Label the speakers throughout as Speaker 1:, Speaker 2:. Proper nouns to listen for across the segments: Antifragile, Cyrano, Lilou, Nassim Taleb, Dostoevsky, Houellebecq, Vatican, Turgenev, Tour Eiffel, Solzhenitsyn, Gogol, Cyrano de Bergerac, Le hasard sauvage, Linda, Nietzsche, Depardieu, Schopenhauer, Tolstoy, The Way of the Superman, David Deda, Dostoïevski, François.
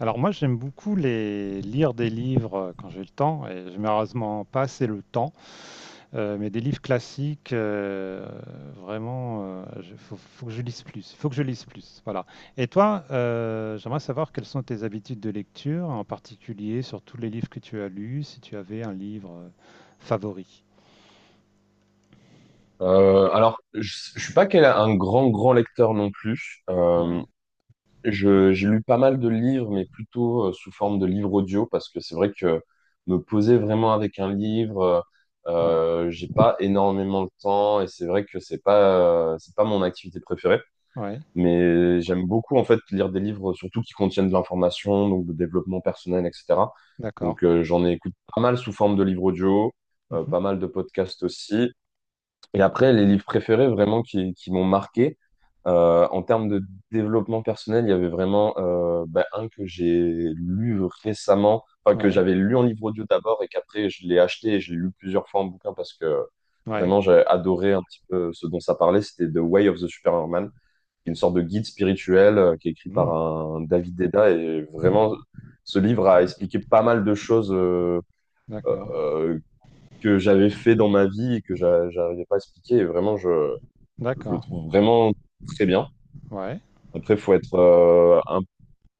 Speaker 1: Alors moi j'aime beaucoup les lire des livres quand j'ai le temps et j'ai malheureusement pas assez le temps, mais des livres classiques vraiment il faut, faut que je lise plus, faut que je lise plus, voilà. Et toi, j'aimerais savoir quelles sont tes habitudes de lecture, en particulier sur tous les livres que tu as lus, si tu avais un livre favori.
Speaker 2: Je suis pas un grand lecteur non plus.
Speaker 1: Ouais,
Speaker 2: J'ai lu pas mal de livres, mais plutôt sous forme de livres audio, parce que c'est vrai que me poser vraiment avec un livre,
Speaker 1: ouais,
Speaker 2: j'ai pas énormément de temps, et c'est vrai que c'est pas mon activité préférée.
Speaker 1: ouais,
Speaker 2: Mais j'aime beaucoup en fait lire des livres, surtout qui contiennent de l'information, donc de développement personnel, etc.
Speaker 1: d'accord.
Speaker 2: Donc, j'en écoute pas mal sous forme de livres audio,
Speaker 1: Mhm.
Speaker 2: pas mal de podcasts aussi. Et après, les livres préférés vraiment qui m'ont marqué, en termes de développement personnel, il y avait vraiment un que j'ai lu récemment, enfin que
Speaker 1: Ouais,
Speaker 2: j'avais lu en livre audio d'abord et qu'après je l'ai acheté et je l'ai lu plusieurs fois en bouquin parce que
Speaker 1: ouais.
Speaker 2: vraiment j'ai adoré un petit peu ce dont ça parlait, c'était The Way of the Superman, une sorte de guide spirituel qui est écrit par
Speaker 1: Hmm,
Speaker 2: un David Deda et vraiment ce livre a expliqué pas mal de choses.
Speaker 1: d'accord,
Speaker 2: Euh, que j'avais fait dans ma vie et que j'arrivais pas à expliquer. Et vraiment, je le
Speaker 1: d'accord.
Speaker 2: trouve vraiment très bien.
Speaker 1: Ouais.
Speaker 2: Après, faut être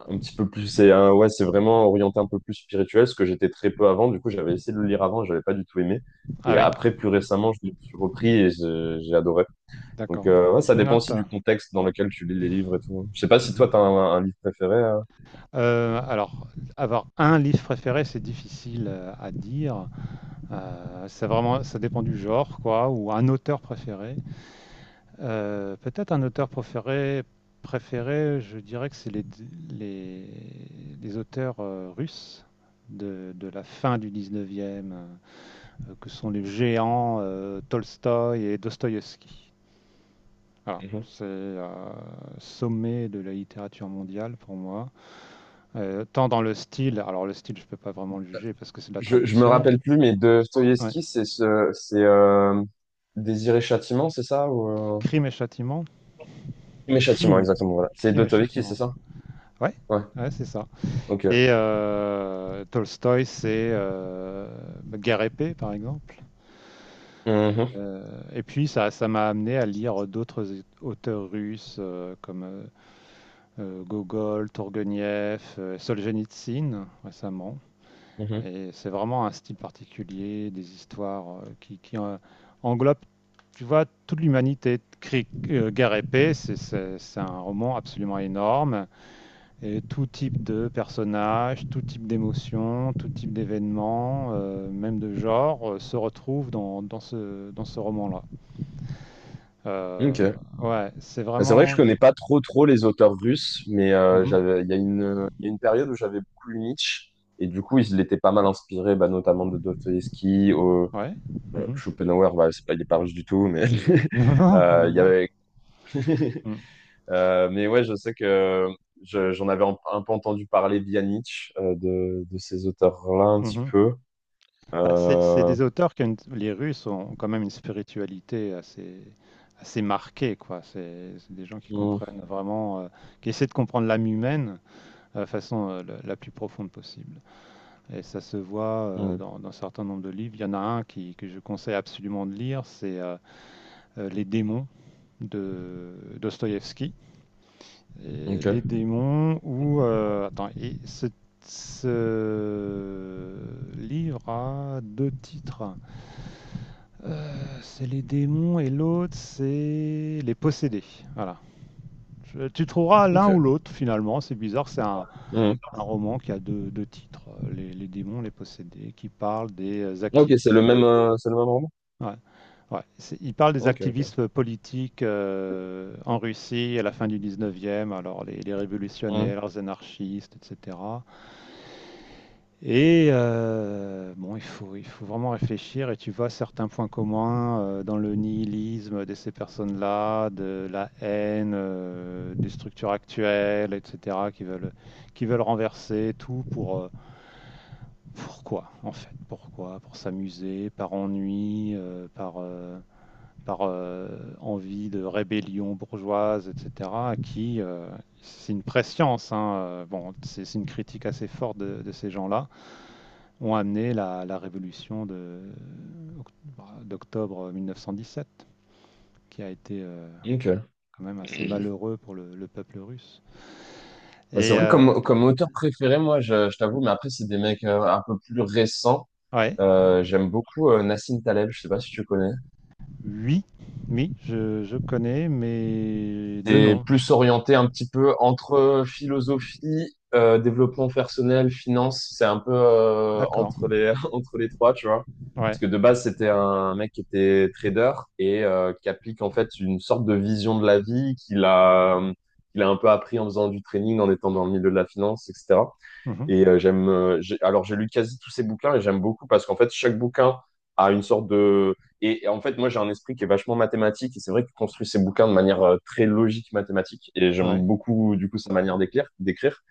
Speaker 2: un petit peu plus. Ouais, c'est vraiment orienté un peu plus spirituel, ce que j'étais très peu avant. Du coup, j'avais essayé de le lire avant, j'avais pas du tout aimé.
Speaker 1: Ah
Speaker 2: Et
Speaker 1: oui,
Speaker 2: après, plus récemment, je l'ai repris et j'ai adoré. Donc,
Speaker 1: d'accord.
Speaker 2: ouais, ça
Speaker 1: Je
Speaker 2: dépend
Speaker 1: note.
Speaker 2: aussi du contexte dans lequel tu lis les livres et tout. Je sais pas si toi, t'as
Speaker 1: Mhm.
Speaker 2: un livre préféré.
Speaker 1: Alors, avoir un livre préféré, c'est difficile à dire. C'est vraiment, ça dépend du genre, quoi, ou un auteur préféré. Peut-être un auteur préféré, préféré, je dirais que c'est les, les auteurs russes de la fin du 19e, que sont les géants Tolstoï et Dostoïevski. Voilà,
Speaker 2: Mhm.
Speaker 1: c'est sommet de la littérature mondiale pour moi. Tant dans le style, alors le style je peux pas vraiment le juger parce que c'est de la
Speaker 2: Je me
Speaker 1: traduction.
Speaker 2: rappelle plus, mais de
Speaker 1: Ouais.
Speaker 2: Dostoïevski, c'est Désir et Châtiment, c'est ça ou,
Speaker 1: Crime et châtiment.
Speaker 2: Crime et châtiment,
Speaker 1: Crime.
Speaker 2: exactement, voilà. C'est
Speaker 1: Crime et
Speaker 2: d'Autovecchi, c'est
Speaker 1: châtiment.
Speaker 2: ça?
Speaker 1: Ouais,
Speaker 2: Ouais.
Speaker 1: ouais c'est ça.
Speaker 2: Ok.
Speaker 1: Et Tolstoy, c'est Guerre et paix, par exemple.
Speaker 2: Mhm,
Speaker 1: Et puis ça m'a amené à lire d'autres auteurs russes comme Gogol, Tourguenieff, Solzhenitsyn récemment.
Speaker 2: mhm.
Speaker 1: Et c'est vraiment un style particulier, des histoires qui englobent, tu vois, toute l'humanité. Guerre épée, c'est un roman absolument énorme. Et tout type de personnages, tout type d'émotions, tout type d'événements, même de genre, se retrouvent dans dans ce roman-là. Euh,
Speaker 2: Ok.
Speaker 1: ouais, c'est
Speaker 2: Bah, c'est vrai que
Speaker 1: vraiment...
Speaker 2: je connais pas trop les auteurs russes, mais
Speaker 1: Mhm.
Speaker 2: j'avais, il y a une période où j'avais beaucoup lu Nietzsche, et du coup, il était pas mal inspiré, bah, notamment de Dostoïevski, au,
Speaker 1: Ouais. Mhm.
Speaker 2: Schopenhauer, bah, c'est pas, il est pas russe du tout, mais
Speaker 1: Non, non, non,
Speaker 2: il y
Speaker 1: non.
Speaker 2: avait.
Speaker 1: Mhm.
Speaker 2: Mais ouais, je sais que j'en avais un peu entendu parler via Nietzsche, de ces auteurs-là un petit
Speaker 1: Mhm.
Speaker 2: peu.
Speaker 1: Bah, c'est
Speaker 2: Euh,
Speaker 1: des auteurs qui les Russes ont quand même une spiritualité assez, assez marquée, quoi. C'est des gens qui
Speaker 2: mhm,
Speaker 1: comprennent vraiment, qui essaient de comprendre l'âme humaine de façon la plus profonde possible. Et ça se voit
Speaker 2: mhm.
Speaker 1: dans un certain nombre de livres. Il y en a un qui, que je conseille absolument de lire, c'est Les démons de Dostoïevski. Et Les
Speaker 2: Ok.
Speaker 1: démons où... attends, et ce livre a deux titres. C'est les démons et l'autre, c'est les possédés. Voilà. Tu trouveras l'un ou
Speaker 2: Ok.
Speaker 1: l'autre finalement. C'est bizarre,
Speaker 2: Hmm.
Speaker 1: un roman qui a deux, deux titres. Les démons, les possédés, qui parle des
Speaker 2: Ah, ok,
Speaker 1: activistes.
Speaker 2: c'est le même roman?
Speaker 1: Ouais, ouais, il parle des
Speaker 2: Ok, ok.
Speaker 1: activistes politiques en Russie à la fin du 19e, alors les
Speaker 2: Hmm.
Speaker 1: révolutionnaires, les anarchistes, etc. Et bon, il faut vraiment réfléchir et tu vois certains points communs dans le nihilisme de ces personnes-là, de la haine, des structures actuelles, etc., qui veulent renverser tout pour, pourquoi, en fait, pourquoi, pour s'amuser, par ennui, par, par envie de rébellion bourgeoise, etc., qui, euh, c'est une prescience, hein, bon, c'est une critique assez forte de ces gens-là ont amené la révolution d'octobre 1917, qui a été
Speaker 2: Ok.
Speaker 1: quand même assez malheureux pour le peuple russe.
Speaker 2: Bah, c'est
Speaker 1: Et
Speaker 2: vrai, comme auteur préféré, moi, je t'avoue, mais après, c'est des mecs un peu plus récents.
Speaker 1: ouais,
Speaker 2: J'aime beaucoup Nassim Taleb, je sais pas si tu connais.
Speaker 1: oui, oui, je connais, mais deux
Speaker 2: C'est
Speaker 1: noms.
Speaker 2: plus orienté un petit peu entre philosophie, développement personnel, finance. C'est un peu
Speaker 1: D'accord.
Speaker 2: entre les, entre les trois, tu vois.
Speaker 1: Ouais.
Speaker 2: Parce que de base, c'était un mec qui était trader et qui applique en fait une sorte de vision de la vie qu'il a, qu'il a un peu appris en faisant du training, en étant dans le milieu de la finance, etc.
Speaker 1: Mhm,
Speaker 2: Et j'aime, alors j'ai lu quasi tous ces bouquins et j'aime beaucoup parce qu'en fait chaque bouquin a une sorte de, et en fait moi j'ai un esprit qui est vachement mathématique et c'est vrai qu'il construit ses bouquins de manière très logique mathématique et
Speaker 1: ouais.
Speaker 2: j'aime beaucoup du coup sa manière d'écrire, d'écrire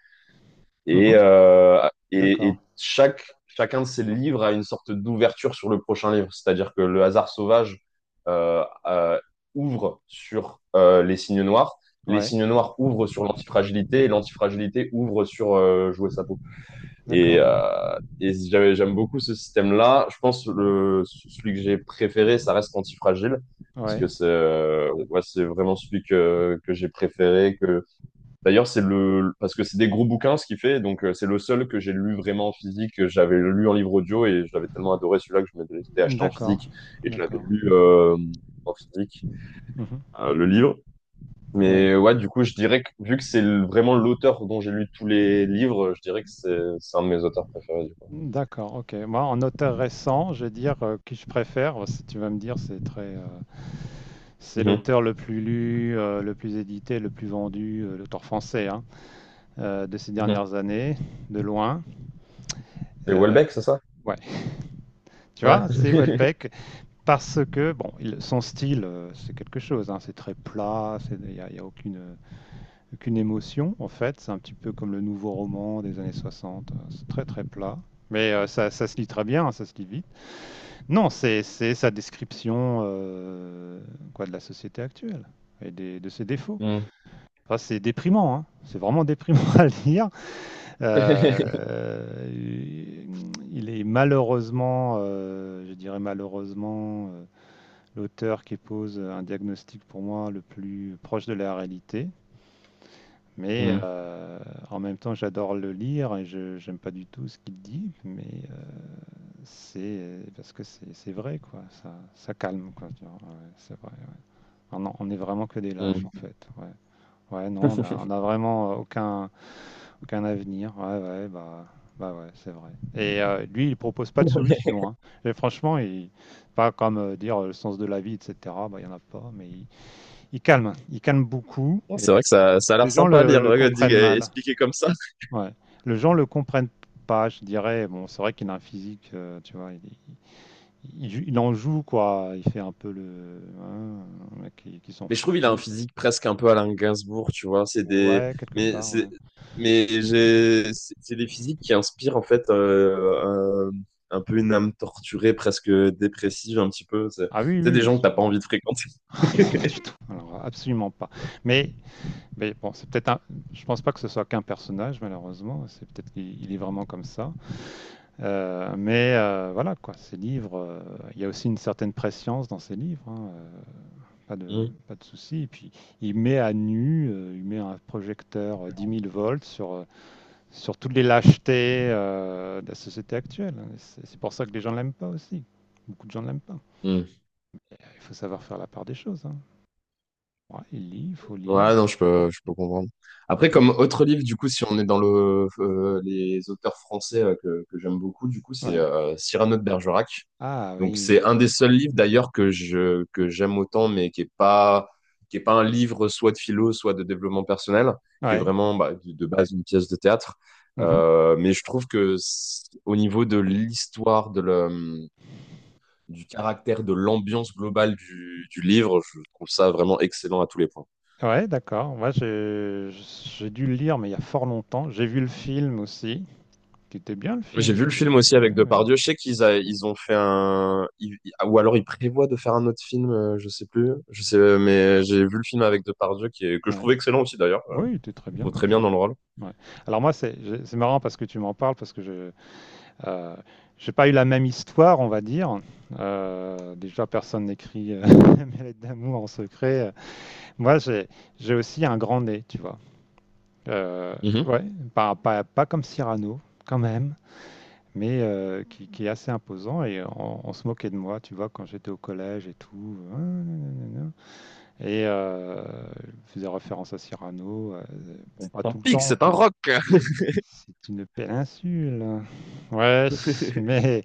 Speaker 2: et,
Speaker 1: Mhm, d'accord.
Speaker 2: et chaque chacun de ces livres a une sorte d'ouverture sur le prochain livre, c'est-à-dire que Le hasard sauvage euh, euh, ouvre sur les
Speaker 1: Ouais.
Speaker 2: signes noirs ouvrent sur l'antifragilité et l'antifragilité ouvre sur jouer sa peau.
Speaker 1: D'accord.
Speaker 2: Et j'aime beaucoup ce système-là. Je pense que le celui que j'ai préféré, ça reste Antifragile, parce
Speaker 1: Ouais.
Speaker 2: que c'est ouais, c'est vraiment celui que j'ai préféré. Que d'ailleurs c'est le parce que c'est des gros bouquins ce qu'il fait, donc c'est le seul que j'ai lu vraiment en physique. Que j'avais lu en livre audio et je l'avais tellement adoré celui-là que je m'étais acheté en
Speaker 1: D'accord.
Speaker 2: physique et je l'avais
Speaker 1: D'accord.
Speaker 2: lu en physique
Speaker 1: Mhm,
Speaker 2: le livre.
Speaker 1: ouais.
Speaker 2: Mais ouais, du coup, je dirais que vu que vraiment l'auteur dont j'ai lu tous les livres, je dirais que c'est un de mes auteurs préférés.
Speaker 1: D'accord. Ok. Moi, en auteur récent, je vais dire qui je préfère. Si tu vas me dire, c'est très c'est
Speaker 2: Mhm.
Speaker 1: l'auteur le plus lu, le plus édité, le plus vendu, l'auteur français hein, de ces
Speaker 2: Mhm.
Speaker 1: dernières années, de loin.
Speaker 2: C'est
Speaker 1: Euh,
Speaker 2: Welbeck, c'est ça?
Speaker 1: ouais, tu
Speaker 2: Ouais.
Speaker 1: vois, c'est Houellebecq parce que bon, son style, c'est quelque chose. Hein, c'est très plat, il y a aucune, aucune émotion en fait. C'est un petit peu comme le nouveau roman des années 60. Euh, c'est très très plat. Mais ça, ça se lit très bien, hein, ça se lit vite. Non, c'est sa description quoi, de la société actuelle de ses défauts.
Speaker 2: Mhm.
Speaker 1: Enfin, c'est déprimant, hein. C'est vraiment déprimant à lire. Euh, il est malheureusement, je dirais malheureusement, l'auteur qui pose un diagnostic pour moi le plus proche de la réalité. Mais
Speaker 2: Mhm.
Speaker 1: en même temps, j'adore le lire et je j'aime pas du tout ce qu'il dit, mais c'est parce que c'est vrai, quoi. Ça calme, quoi. Tu vois. Ouais, c'est vrai, ouais. On est vraiment que des lâches, en
Speaker 2: Mhm.
Speaker 1: fait. Ouais, ouais non, on a vraiment aucun, aucun avenir. Ouais, ouais, bah ouais, c'est vrai. Et lui, il propose pas de solution, hein. Et franchement, pas comme dire le sens de la vie, etc. Bah, il y en a pas, il calme. Il calme beaucoup.
Speaker 2: C'est vrai
Speaker 1: Et
Speaker 2: que ça a l'air
Speaker 1: les gens
Speaker 2: sympa à lire,
Speaker 1: le comprennent mal.
Speaker 2: expliqué comme ça.
Speaker 1: Ouais. Les gens le comprennent pas, je dirais. Bon, c'est vrai qu'il a un physique, tu vois. Il il en joue, quoi. Il fait un peu le, hein, un mec qui s'en
Speaker 2: Mais je
Speaker 1: fout de
Speaker 2: trouve il a un
Speaker 1: tout.
Speaker 2: physique presque un peu Alain Gainsbourg, tu vois. C'est des,
Speaker 1: Ouais, quelque
Speaker 2: mais
Speaker 1: part, ouais.
Speaker 2: c'est, mais j'ai, c'est des physiques qui inspirent en fait un peu une âme torturée, presque dépressive, un petit peu.
Speaker 1: Ah oui,
Speaker 2: C'est
Speaker 1: oui,
Speaker 2: des gens que t'as pas envie de fréquenter.
Speaker 1: pas du tout. Alors, absolument pas. Mais Mais bon, c'est peut-être un. Je pense pas que ce soit qu'un personnage, malheureusement. C'est peut-être qu'il il est vraiment comme ça. Mais voilà, quoi. Ces livres, il y a aussi une certaine prescience dans ces livres. Hein, pas de,
Speaker 2: Mhm.
Speaker 1: pas de souci. Et puis, il met à nu, il met un projecteur 10 000 volts sur, sur toutes les lâchetés de la société actuelle. Hein. C'est pour ça que les gens l'aiment pas aussi. Beaucoup de gens ne l'aiment pas.
Speaker 2: Mhm.
Speaker 1: Il faut savoir faire la part des choses. Hein. Ouais, il lit, il faut lire.
Speaker 2: Ouais, non, je peux comprendre. Après, comme autre livre, du coup, si on est dans le, les auteurs français que j'aime beaucoup, du coup, c'est
Speaker 1: Ouais.
Speaker 2: Cyrano de Bergerac.
Speaker 1: Ah
Speaker 2: Donc,
Speaker 1: oui.
Speaker 2: c'est un des seuls livres, d'ailleurs, que j'aime autant, mais qui est pas un livre soit de philo, soit de développement personnel, qui est
Speaker 1: Ouais.
Speaker 2: vraiment, bah, de base, une pièce de théâtre.
Speaker 1: Mhm.
Speaker 2: Mais je trouve que au niveau de l'histoire, du caractère, de l'ambiance globale du livre, je trouve ça vraiment excellent à tous les points.
Speaker 1: Ouais, d'accord. Moi, j'ai dû le lire, mais il y a fort longtemps. J'ai vu le film aussi, qui était bien le
Speaker 2: J'ai
Speaker 1: film. Il
Speaker 2: vu le
Speaker 1: était...
Speaker 2: film aussi avec
Speaker 1: Ouais, ouais.
Speaker 2: Depardieu. Je sais ils ont fait un, ou alors ils prévoient de faire un autre film, je sais plus. Je sais, mais j'ai vu le film avec Depardieu qui est, que je
Speaker 1: Ouais.
Speaker 2: trouve excellent aussi d'ailleurs.
Speaker 1: Ouais, il était très
Speaker 2: Je
Speaker 1: bien
Speaker 2: trouve
Speaker 1: comme
Speaker 2: très bien
Speaker 1: film.
Speaker 2: dans le rôle.
Speaker 1: Ouais. Alors moi, c'est marrant parce que tu m'en parles, parce que je euh, j'ai pas eu la même histoire, on va dire. Déjà, personne n'écrit mes lettres d'amour en secret. Moi, j'ai aussi un grand nez, tu vois. Euh,
Speaker 2: Mhm.
Speaker 1: ouais, pas comme Cyrano, quand même. Mais qui est assez imposant. Et on se moquait de moi, tu vois, quand j'étais au collège et tout. Ah, nanana. Et je faisais référence à Cyrano. Euh, bon, pas
Speaker 2: C'est un
Speaker 1: tout le
Speaker 2: pig,
Speaker 1: temps,
Speaker 2: c'est un
Speaker 1: comme
Speaker 2: rock.
Speaker 1: c'est une péninsule. Ouais, mais,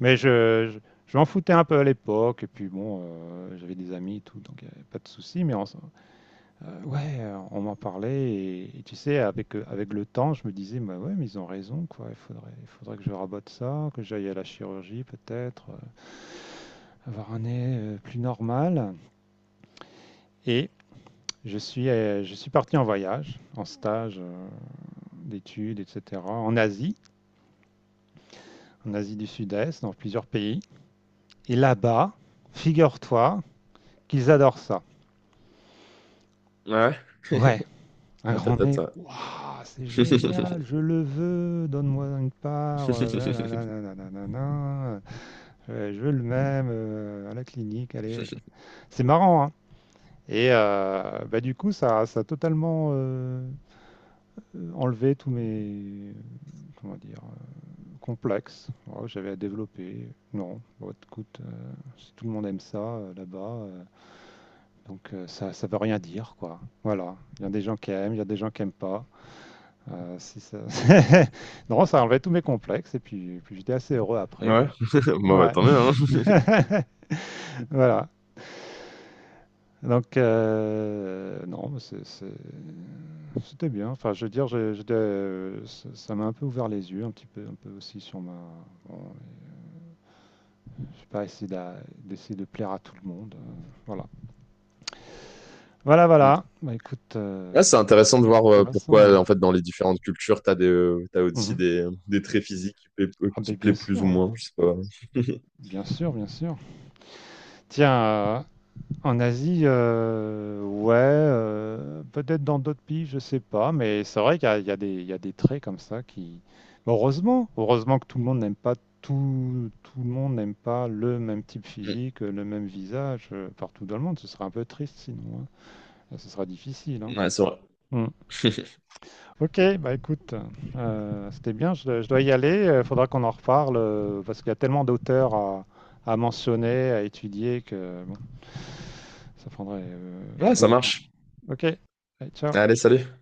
Speaker 1: mais je m'en foutais un peu à l'époque. Et puis bon, j'avais des amis et tout, donc il n'y avait pas de souci. Ouais, on m'en parlait et tu sais, avec, avec le temps, je me disais, bah ouais, mais ils ont raison, quoi. Il faudrait que je rabote ça, que j'aille à la chirurgie peut-être, avoir un nez plus normal. Et je suis parti en voyage, en stage d'études, etc., en Asie du Sud-Est, dans plusieurs pays. Et là-bas, figure-toi qu'ils adorent ça.
Speaker 2: Ouais,
Speaker 1: Ouais, un
Speaker 2: ah,
Speaker 1: grand
Speaker 2: peut-être.
Speaker 1: nez,
Speaker 2: Ouais.
Speaker 1: waouh, c'est génial, je le veux, donne-moi une part, nanana, nanana, nanana, je veux le même à la clinique, allez. C'est marrant, hein. Et bah, du coup, ça a totalement enlevé comment dire, complexes voilà, que j'avais à développer. Non, bon, écoute, si tout le monde aime ça là-bas, donc ça, ça veut rien dire, quoi. Voilà, il y a des gens qui aiment, il y a des gens qui aiment pas. Si ça... non, ça enlevait tous mes complexes et puis, puis j'étais assez heureux après,
Speaker 2: Ouais.
Speaker 1: quoi.
Speaker 2: Bon, bah,
Speaker 1: Ouais.
Speaker 2: tant mieux, hein.
Speaker 1: Voilà. Donc, non, c'était bien. Enfin, je veux dire, j'étais, ça m'a un peu ouvert les yeux, un petit peu, un peu aussi sur ma. Bon, je sais pas, d'essayer de plaire à tout le monde. Euh, voilà. Voilà,
Speaker 2: Mm.
Speaker 1: voilà. Bah, écoute,
Speaker 2: Ouais, c'est intéressant de voir
Speaker 1: c'est intéressant.
Speaker 2: pourquoi, en
Speaker 1: Hein.
Speaker 2: fait, dans les différentes cultures, t'as des, t'as aussi
Speaker 1: Mhm.
Speaker 2: des traits physiques
Speaker 1: Ah,
Speaker 2: qui
Speaker 1: ben,
Speaker 2: plaient
Speaker 1: bien
Speaker 2: plus
Speaker 1: sûr,
Speaker 2: ou
Speaker 1: hein.
Speaker 2: moins. Je sais pas.
Speaker 1: Bien sûr, bien sûr. Tiens, en Asie, ouais, peut-être dans d'autres pays, je sais pas, mais c'est vrai qu'il y a des traits comme ça qui mais heureusement, heureusement que tout le monde n'aime pas tout le monde n'aime pas le même type
Speaker 2: Mm.
Speaker 1: physique, le même visage, partout dans le monde, ce serait un peu triste sinon, hein. Ce sera difficile, hein.
Speaker 2: Ouais, c'est vrai.
Speaker 1: Mmh. Ok, bah écoute, c'était bien, dois je dois y aller. Il faudra qu'on en reparle parce qu'il y a tellement d'auteurs à mentionner, à étudier que bon, ça prendrait
Speaker 2: Ouais,
Speaker 1: très
Speaker 2: ça
Speaker 1: longtemps.
Speaker 2: marche.
Speaker 1: Ok, allez, ciao.
Speaker 2: Allez, salut.